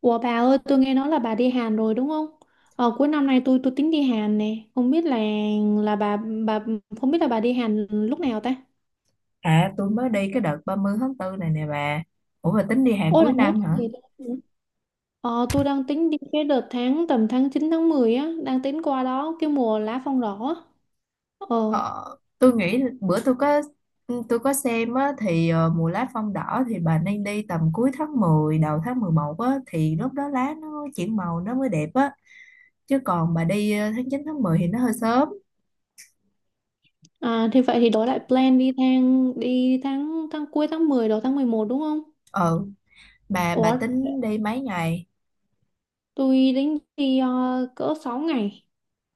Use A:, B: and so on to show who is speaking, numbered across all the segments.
A: Ủa bà ơi, tôi nghe nói là bà đi Hàn rồi đúng không? Cuối năm nay tôi tính đi Hàn nè, không biết là bà không biết là bà đi Hàn lúc nào ta?
B: À tôi mới đi cái đợt 30 tháng 4 này nè bà. Ủa bà tính đi hàng
A: Ôi là
B: cuối
A: nói
B: năm hả?
A: gì đó. Ờ, tôi đang tính đi cái đợt tháng tầm tháng 9 tháng 10 á, đang tính qua đó cái mùa lá phong đỏ á. Ờ,
B: Ờ, tôi nghĩ bữa tôi có xem á, thì mùa lá phong đỏ thì bà nên đi tầm cuối tháng 10 đầu tháng 11 á, thì lúc đó lá nó chuyển màu nó mới đẹp á. Chứ còn bà đi tháng 9 tháng 10 thì nó hơi sớm.
A: thì vậy thì đổi lại plan đi tháng tháng cuối tháng 10 đầu tháng 11 đúng không?
B: Ờ, bà
A: Ủa,
B: tính đi mấy ngày?
A: tôi tính đi cỡ 6 ngày.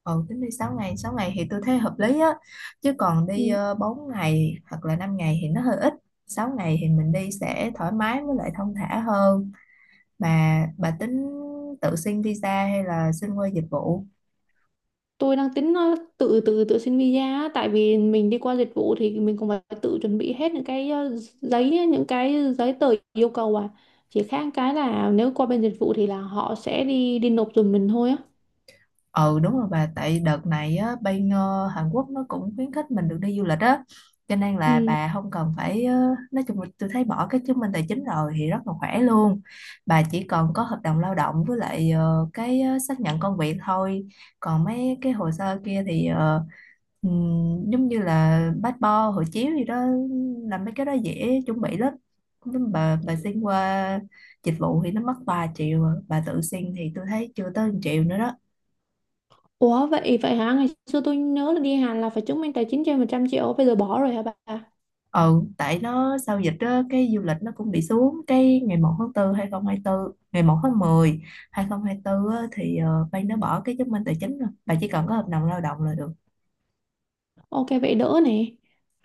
B: Ừ, tính đi 6 ngày, 6 ngày thì tôi thấy hợp lý á, chứ còn đi
A: Ừ.
B: 4 ngày hoặc là 5 ngày thì nó hơi ít. 6 ngày thì mình đi sẽ thoải mái với lại thong thả hơn. Mà bà tính tự xin visa hay là xin qua dịch vụ?
A: Tôi đang tính tự tự tự xin visa á, tại vì mình đi qua dịch vụ thì mình cũng phải tự chuẩn bị hết những cái giấy á, những cái giấy tờ yêu cầu à, chỉ khác cái là nếu qua bên dịch vụ thì là họ sẽ đi đi nộp giùm mình thôi á.
B: Ừ, đúng rồi bà, tại đợt này á, bên Hàn Quốc nó cũng khuyến khích mình được đi du lịch á, cho nên là
A: Ừ.
B: bà không cần phải nói chung là tôi thấy bỏ cái chứng minh tài chính rồi thì rất là khỏe luôn. Bà chỉ cần có hợp đồng lao động với lại xác nhận công việc thôi. Còn mấy cái hồ sơ kia thì giống như là passport, hộ chiếu gì đó, làm mấy cái đó dễ chuẩn bị lắm. Nhưng bà xin qua dịch vụ thì nó mất 3 triệu à. Bà tự xin thì tôi thấy chưa tới 1 triệu nữa đó.
A: Ủa vậy vậy hả, ngày xưa tôi nhớ là đi Hàn là phải chứng minh tài chính trên 100 triệu, bây giờ bỏ rồi hả bà?
B: Ừ, tại nó sau dịch á, cái du lịch nó cũng bị xuống. Cái ngày 1 tháng 4 2024, ngày 1 tháng mười hai không hai 2024 á, thì ban nó bỏ cái chứng minh tài chính rồi, bà chỉ cần có hợp đồng lao động là được.
A: OK vậy đỡ này,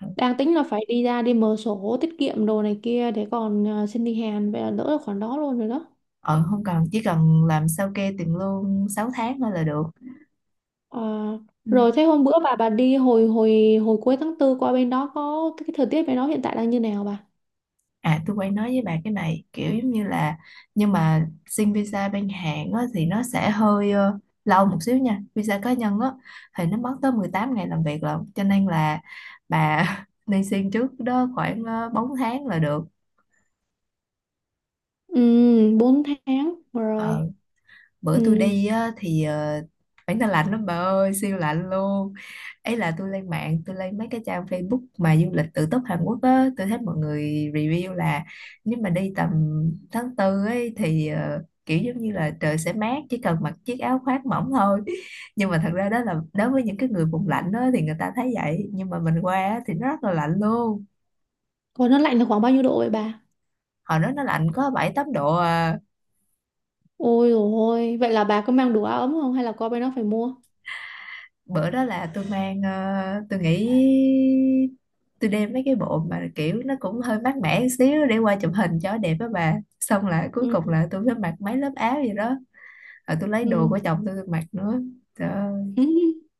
B: Ừ,
A: đang tính là phải đi ra đi mở sổ tiết kiệm đồ này kia để còn xin đi Hàn, vậy là đỡ được khoản đó luôn rồi đó.
B: ờ, không cần, chỉ cần làm sao kê tiền lương 6 tháng thôi là được.
A: Ờ,
B: Ừ.
A: rồi thế hôm bữa bà đi hồi hồi hồi cuối tháng 4 qua bên đó, có cái thời tiết bên đó hiện tại đang như nào bà?
B: À tôi quay nói với bà cái này kiểu giống như là nhưng mà xin visa bên Hàn á, thì nó sẽ hơi lâu một xíu nha. Visa cá nhân á, thì nó mất tới 18 ngày làm việc lận, cho nên là bà nên xin trước đó khoảng 4 tháng là được.
A: Ừ, 4 tháng rồi.
B: Ờ, bữa
A: Ừ.
B: tôi đi á, thì phải, nó lạnh lắm bà ơi, siêu lạnh luôn. Ấy là tôi lên mạng, tôi lên mấy cái trang Facebook mà du lịch tự túc Hàn Quốc á, tôi thấy mọi người review là nếu mà đi tầm tháng tư ấy thì kiểu giống như là trời sẽ mát, chỉ cần mặc chiếc áo khoác mỏng thôi. Nhưng mà thật ra đó là đối với những cái người vùng lạnh đó thì người ta thấy vậy, nhưng mà mình qua á thì nó rất là lạnh luôn.
A: Còn nó lạnh là khoảng bao nhiêu độ vậy bà?
B: Hồi đó nó lạnh có 7 8 độ à.
A: Ôi dồi ôi, vậy là bà có mang đủ áo ấm không hay là qua bên đó phải mua?
B: Bữa đó là tôi mang tôi nghĩ tôi đem mấy cái bộ mà kiểu nó cũng hơi mát mẻ một xíu để qua chụp hình cho đẹp á bà. Xong là cuối
A: Ừ.
B: cùng là tôi phải mặc mấy lớp áo gì đó, rồi tôi lấy đồ
A: Ừ.
B: của chồng tôi mặc nữa. Trời ơi.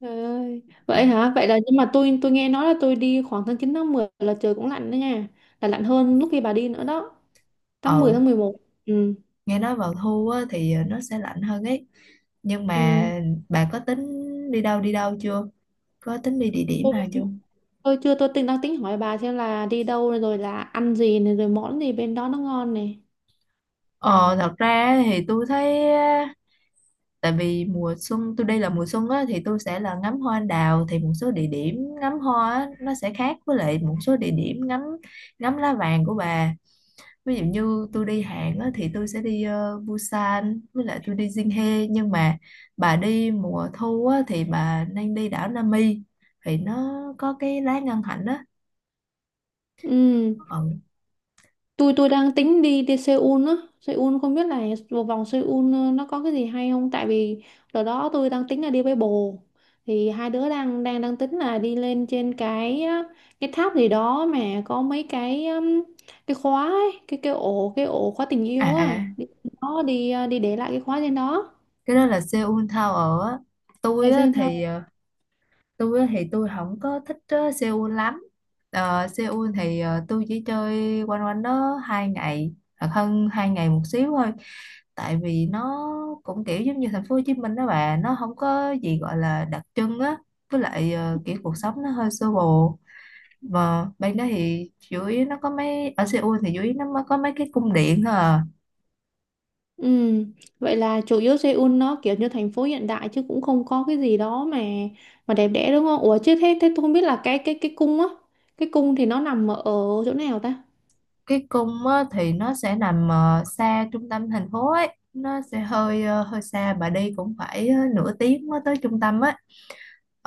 A: Trời ơi. Vậy
B: À,
A: hả? Vậy là nhưng mà tôi nghe nói là tôi đi khoảng tháng 9 tháng 10 là trời cũng lạnh đó nha. Là lạnh hơn lúc khi bà đi nữa đó.
B: ừ,
A: Tháng 11. Ừ.
B: nghe nói vào thu á, thì nó sẽ lạnh hơn ấy, nhưng mà
A: Ừ.
B: bà có tính đi đâu chưa, có tính đi địa điểm
A: Tôi
B: nào chưa?
A: Tôi chưa, tôi đang tính hỏi bà xem là đi đâu rồi là ăn gì này rồi món gì bên đó nó ngon này.
B: Ờ thật ra thì tôi thấy tại vì mùa xuân tôi đi, là mùa xuân á thì tôi sẽ là ngắm hoa anh đào, thì một số địa điểm ngắm hoa á, nó sẽ khác với lại một số địa điểm ngắm ngắm lá vàng của bà. Ví dụ như tôi đi Hàn á thì tôi sẽ đi Busan với lại tôi đi Jinhae, nhưng mà bà đi mùa thu á thì bà nên đi đảo Nami, thì nó có cái lá ngân hạnh á.
A: Ừ.
B: Ừ.
A: Tôi đang tính đi đi Seoul á. Seoul không biết là vào vòng Seoul nó có cái gì hay không, tại vì đợt đó tôi đang tính là đi với bồ. Thì hai đứa đang đang đang tính là đi lên trên cái á, cái tháp gì đó mà có mấy cái khóa ấy, cái ổ khóa tình
B: À,
A: yêu
B: à,
A: á. Đi, đó đi à, đi để lại cái khóa trên đó.
B: cái đó là Seoul Tower á. tôi
A: Rồi
B: á
A: xem
B: thì
A: sao.
B: ờ, tôi á thì tôi không có thích Seoul lắm. Ờ, Seoul thì tôi chỉ chơi quanh quanh đó 2 ngày hoặc hơn 2 ngày một xíu thôi, tại vì nó cũng kiểu giống như thành phố Hồ Chí Minh đó bà, nó không có gì gọi là đặc trưng á. Với lại kiểu cuộc sống nó hơi sơ bộ, và bên đó thì chủ yếu nó có mấy, ở Seoul thì chủ yếu nó mới có mấy cái cung điện thôi à.
A: Ừ, vậy là chủ yếu Seoul nó kiểu như thành phố hiện đại chứ cũng không có cái gì đó mà đẹp đẽ đúng không? Ủa chứ thế thế tôi không biết là cái cung á, cái cung thì nó nằm ở chỗ nào ta?
B: Cái cung á, thì nó sẽ nằm xa trung tâm thành phố ấy, nó sẽ hơi hơi xa, bà đi cũng phải nửa tiếng mới tới trung tâm á.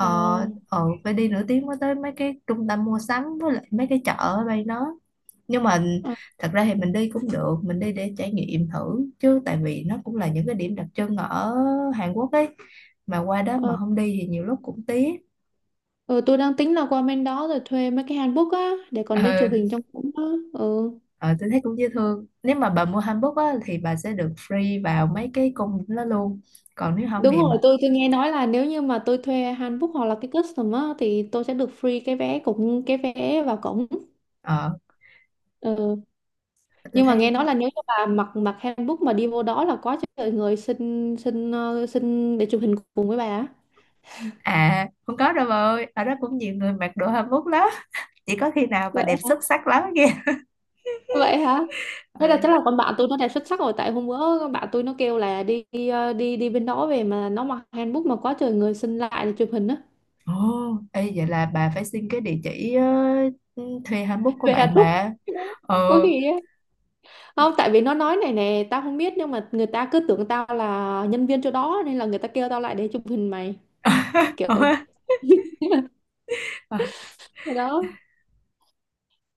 A: À,
B: ờ, phải đi nửa tiếng mới tới mấy cái trung tâm mua sắm với lại mấy cái chợ ở đây nó, nhưng mà
A: à,
B: thật ra thì mình đi cũng được, mình đi để trải nghiệm thử chứ, tại vì nó cũng là những cái điểm đặc trưng ở Hàn Quốc ấy, mà qua đó
A: à,
B: mà không đi thì nhiều lúc cũng tiếc.
A: ừ, tôi đang tính là qua bên đó rồi thuê mấy cái hanbok á để còn đi chụp
B: Ừ.
A: hình trong cung á. Ừ.
B: Ờ, tôi thấy cũng dễ thương. Nếu mà bà mua hanbok á, thì bà sẽ được free vào mấy cái cung đó luôn. Còn nếu không
A: Đúng
B: thì bà,
A: rồi, tôi nghe nói là nếu như mà tôi thuê hanbok hoặc là cái custom á thì tôi sẽ được free cái vé, cũng cái vé vào cổng.
B: ờ,
A: Ừ.
B: tôi
A: Nhưng mà
B: thấy
A: nghe
B: nó-
A: nói là nếu như bà mặc mặc handbook mà đi vô đó là có trời người xin xin ờ, xin để chụp hình cùng với bà á.
B: À không có đâu bà ơi. Ở đó cũng nhiều người mặc đồ hanbok lắm. Chỉ có khi nào bà
A: Vậy
B: đẹp
A: hả?
B: xuất sắc lắm kìa.
A: Vậy hả? Thế là chắc
B: Ừ.
A: là con bạn tôi nó đẹp xuất sắc rồi, tại hôm bữa con bạn tôi nó kêu là đi đi ờ, đi, đi bên đó về mà nó mặc handbook mà quá trời người xin lại để chụp hình á.
B: Ồ, ê, vậy là bà phải xin cái địa chỉ thuê hanbok của
A: Về
B: bạn
A: handbook
B: bà. Ờ.
A: có gì á, không tại vì nó nói này nè, tao không biết nhưng mà người ta cứ tưởng tao là nhân viên chỗ đó nên là người ta kêu tao lại để chụp hình mày, kiểu.
B: Ờ,
A: đó.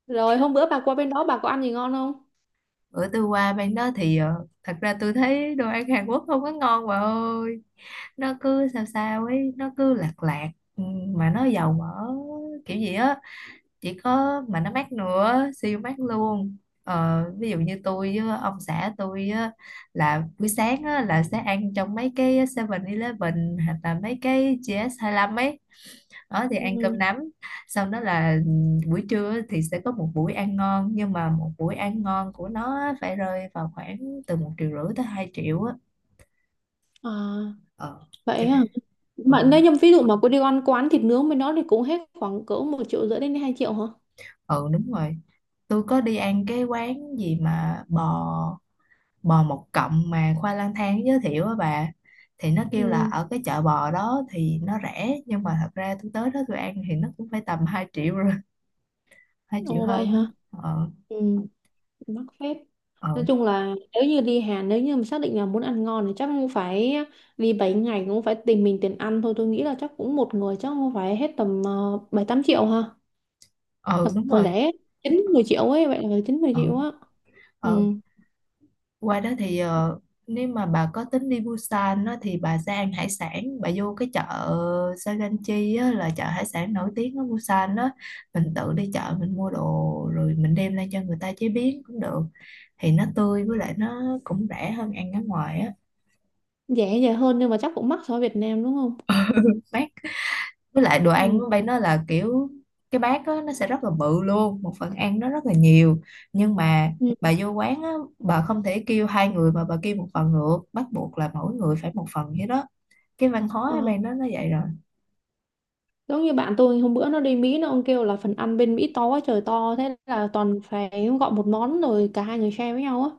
A: Rồi hôm bữa bà qua bên đó bà có ăn gì ngon không?
B: bữa tôi qua bên đó thì thật ra tôi thấy đồ ăn Hàn Quốc không có ngon bà ơi. Nó cứ sao sao ấy, nó cứ lạc lạc, ừ, mà nó dầu mỡ kiểu gì á, chỉ có mà nó mát nữa, siêu mát luôn. Ờ, ví dụ như tôi với ông xã tôi á, là buổi sáng á, là sẽ ăn trong mấy cái 7-Eleven hoặc là mấy cái gs lăm ấy đó, thì ăn cơm
A: Ừ.
B: nắm. Sau đó là buổi trưa á thì sẽ có một buổi ăn ngon, nhưng mà một buổi ăn ngon của nó á phải rơi vào khoảng từ 1,5 triệu tới 2 triệu á.
A: À,
B: Ờ,
A: vậy
B: cái
A: à.
B: này, ờ,
A: Mà nếu như ví dụ mà cô đi ăn quán thịt nướng với nó thì cũng hết khoảng cỡ 1 triệu rưỡi đến 2 triệu hả?
B: ừ, đúng rồi. Tôi có đi ăn cái quán gì mà bò, bò một cọng mà khoa lang thang giới thiệu á bà, thì nó kêu là
A: Ừ.
B: ở cái chợ bò đó thì nó rẻ, nhưng mà thật ra tôi tới đó tôi ăn thì nó cũng phải tầm 2 triệu rồi. 2 triệu
A: Ồ vậy
B: hơn
A: hả?
B: á. ờ
A: Ừ, mắc phép. Nói
B: ờ
A: chung là nếu như đi Hàn, nếu như mà xác định là muốn ăn ngon thì chắc cũng phải đi 7 ngày, cũng phải tìm mình tiền ăn thôi. Tôi nghĩ là chắc cũng một người chắc cũng phải hết tầm 7 8 triệu ha. Là
B: ờ Đúng
A: còn
B: rồi.
A: rẻ 9-10 triệu ấy, vậy là chín mười
B: ờ
A: triệu á. Ừ,
B: ờ Qua đó thì nếu mà bà có tính đi Busan á, thì bà sẽ ăn hải sản, bà vô cái chợ Saganchi á, là chợ hải sản nổi tiếng ở Busan đó. Mình tự đi chợ, mình mua đồ rồi mình đem lên cho người ta chế biến cũng được, thì nó tươi với lại nó cũng rẻ hơn ăn ở ngoài á.
A: rẻ rẻ hơn nhưng mà chắc cũng mắc so với Việt Nam đúng không?
B: Bác, với lại đồ ăn ở
A: Ừ.
B: đây nó là kiểu cái bát á, nó sẽ rất là bự luôn, một phần ăn nó rất là nhiều, nhưng mà
A: Ừ.
B: bà vô quán á, bà không thể kêu hai người mà bà kêu một phần được, bắt buộc là mỗi người phải một phần vậy đó. Cái văn hóa
A: Ờ.
B: bạn đó nó vậy rồi.
A: Giống như bạn tôi hôm bữa nó đi Mỹ, nó ông kêu là phần ăn bên Mỹ to quá trời to, thế là toàn phải gọi một món rồi cả hai người share với nhau á.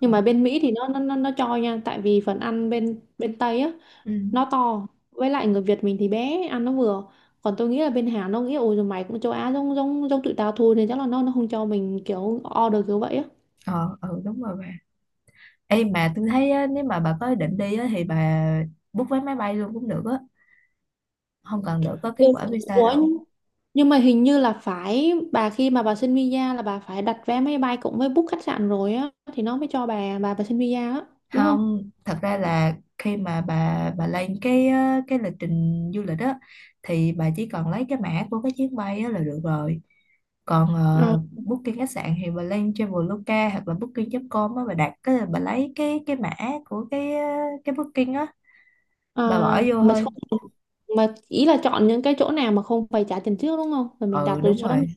A: Nhưng
B: Ừ.
A: mà bên Mỹ thì nó cho nha, tại vì phần ăn bên bên Tây á
B: Ừ.
A: nó to, với lại người Việt mình thì bé ăn nó vừa. Còn tôi nghĩ là bên Hàn nó nghĩ ôi rồi mày cũng châu Á giống giống giống tụi tao thôi nên chắc là nó không cho mình kiểu order kiểu vậy á.
B: ờ ừ, đúng rồi bà. Ê mà tôi thấy á, nếu mà bà có ý định đi á, thì bà book vé máy bay luôn cũng được á, không cần đợi có
A: Ừ.
B: kết quả visa
A: Ủa,
B: đâu.
A: nhưng mà hình như là phải, bà khi mà bà xin visa là bà phải đặt vé máy bay cũng với book khách sạn rồi á thì nó mới cho bà xin visa á, đúng không?
B: Không, thật ra là khi mà bà lên cái á, cái lịch trình du lịch á, thì bà chỉ cần lấy cái mã của cái chuyến bay á, là được rồi. Còn
A: Ờ,
B: booking khách sạn thì bà lên Traveloka hoặc là booking.com á, bà đặt cái, bà lấy cái mã của cái cái booking á,
A: ờ,
B: bà bỏ vô
A: mà
B: thôi.
A: không, mà ý là chọn những cái chỗ nào mà không phải trả tiền trước đúng không? Rồi mình đặt
B: Ừ,
A: rồi
B: đúng
A: sau đó mình
B: rồi.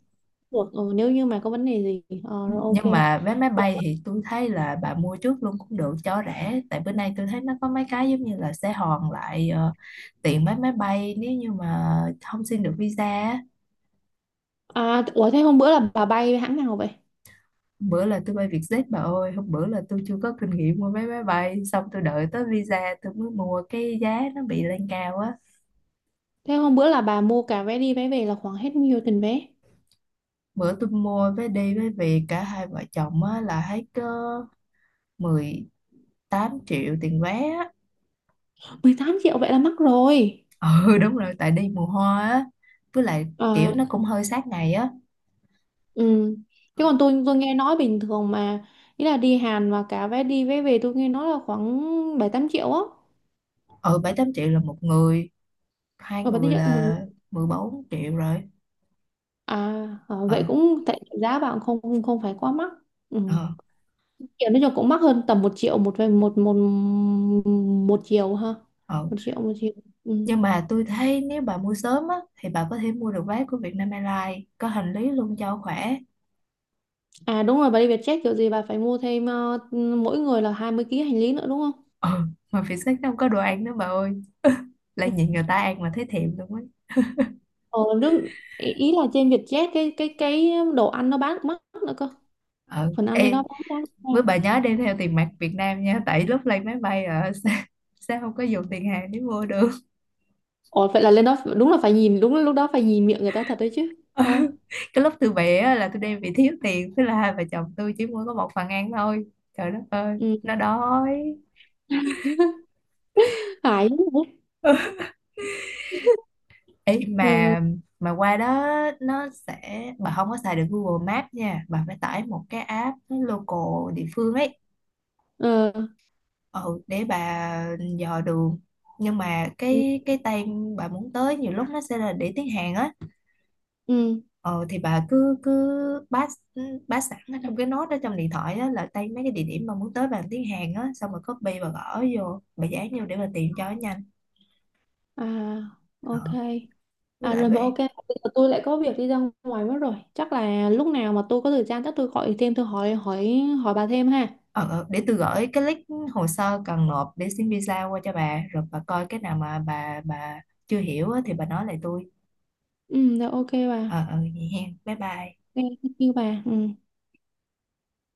A: được, ừ, nếu như mà có vấn đề gì rồi OK.
B: Nhưng mà vé máy bay thì tôi thấy là bà mua trước luôn cũng được cho rẻ, tại bữa nay tôi thấy nó có mấy cái giống như là sẽ hoàn lại tiền vé máy bay nếu như mà không xin được visa á.
A: À, ủa thế hôm bữa là bà bay hãng nào vậy?
B: Hôm bữa là tôi bay Vietjet bà ơi. Hôm bữa là tôi chưa có kinh nghiệm mua vé máy bay, xong tôi đợi tới visa tôi mới mua cái giá nó bị lên cao á.
A: Thế hôm bữa là bà mua cả vé đi vé về là khoảng hết nhiêu tiền vé?
B: Bữa tôi mua vé đi với về cả hai vợ chồng á là hết có 18 triệu tiền vé á.
A: 18 triệu vậy là mắc rồi.
B: Ừ, đúng rồi, tại đi mùa hoa á, với lại kiểu
A: Ờ.
B: nó cũng hơi sát ngày á.
A: Ừ. Chứ còn tôi nghe nói bình thường mà, ý là đi Hàn và cả vé đi vé về tôi nghe nói là khoảng 7-8 triệu á.
B: Ừ, 7 8 triệu là một người, hai
A: Rồi bảy
B: người
A: tám triệu một,
B: là 14 triệu rồi.
A: à ờ, vậy
B: ờ
A: cũng tại giá bạn không không không phải quá mắc. Ừ.
B: ờ
A: Kiểu nói chung cũng mắc hơn tầm 1 triệu một về một một một chiều ha.
B: ờ
A: 1 triệu một chiều. Ừ.
B: nhưng mà tôi thấy nếu bà mua sớm á thì bà có thể mua được vé của Vietnam Airlines có hành lý luôn cho khỏe.
A: À đúng rồi, bà đi Vietjet kiểu gì bà phải mua thêm mỗi người là 20 kg hành lý nữa đúng không?
B: Ờ, mà phía sách nó không có đồ ăn nữa bà ơi, lại
A: Ừ.
B: nhìn người ta ăn mà thấy thèm luôn ấy.
A: Ờ, nước, ý ý là trên Vietjet cái đồ ăn nó bán cũng mắc nữa cơ.
B: Ờ
A: Phần ăn lên đó
B: ê
A: bán giá
B: Với
A: cao.
B: bà nhớ đem theo tiền mặt Việt Nam nha, tại lúc lên máy bay ở sẽ không có dùng tiền hàng để mua được.
A: Ồ vậy là lên đó đúng là phải nhìn, đúng là lúc đó phải nhìn miệng người ta thật đấy chứ.
B: Ừ.
A: À,
B: Cái lúc tôi bé á, là tôi đem bị thiếu tiền, thế là hai vợ chồng tôi chỉ mua có một phần ăn thôi, trời đất ơi
A: ừ.
B: nó đói.
A: phải.
B: Ê,
A: Ừ.
B: mà qua đó nó sẽ, bà không có xài được Google Maps nha, bà phải tải một cái app local địa phương ấy.
A: Ờ.
B: Ừ, để bà dò đường. Nhưng mà
A: Ừ.
B: cái tay bà muốn tới nhiều lúc nó sẽ là để tiếng Hàn á.
A: Ừ.
B: Ờ thì bà cứ cứ bát, bát sẵn ở trong cái nốt đó trong điện thoại á, là tay mấy cái địa điểm mà muốn tới bằng tiếng Hàn á, xong rồi copy và gõ vô, bà dán vô để bà tìm cho nó nhanh.
A: À
B: Ờ,
A: OK,
B: với
A: à
B: lại
A: rồi
B: bà,
A: mà OK bây giờ tôi lại có việc đi ra ngoài mất rồi, chắc là lúc nào mà tôi có thời gian chắc tôi gọi thêm, tôi hỏi hỏi hỏi bà thêm ha.
B: ờ, ờ, để tôi gửi cái link hồ sơ cần nộp để xin visa qua cho bà, rồi bà coi cái nào mà bà chưa hiểu á, thì bà nói lại tôi.
A: Ừ rồi OK bà.
B: Ờ, ờ, vậy hen, bye bye.
A: OK thank you bà. Ừ.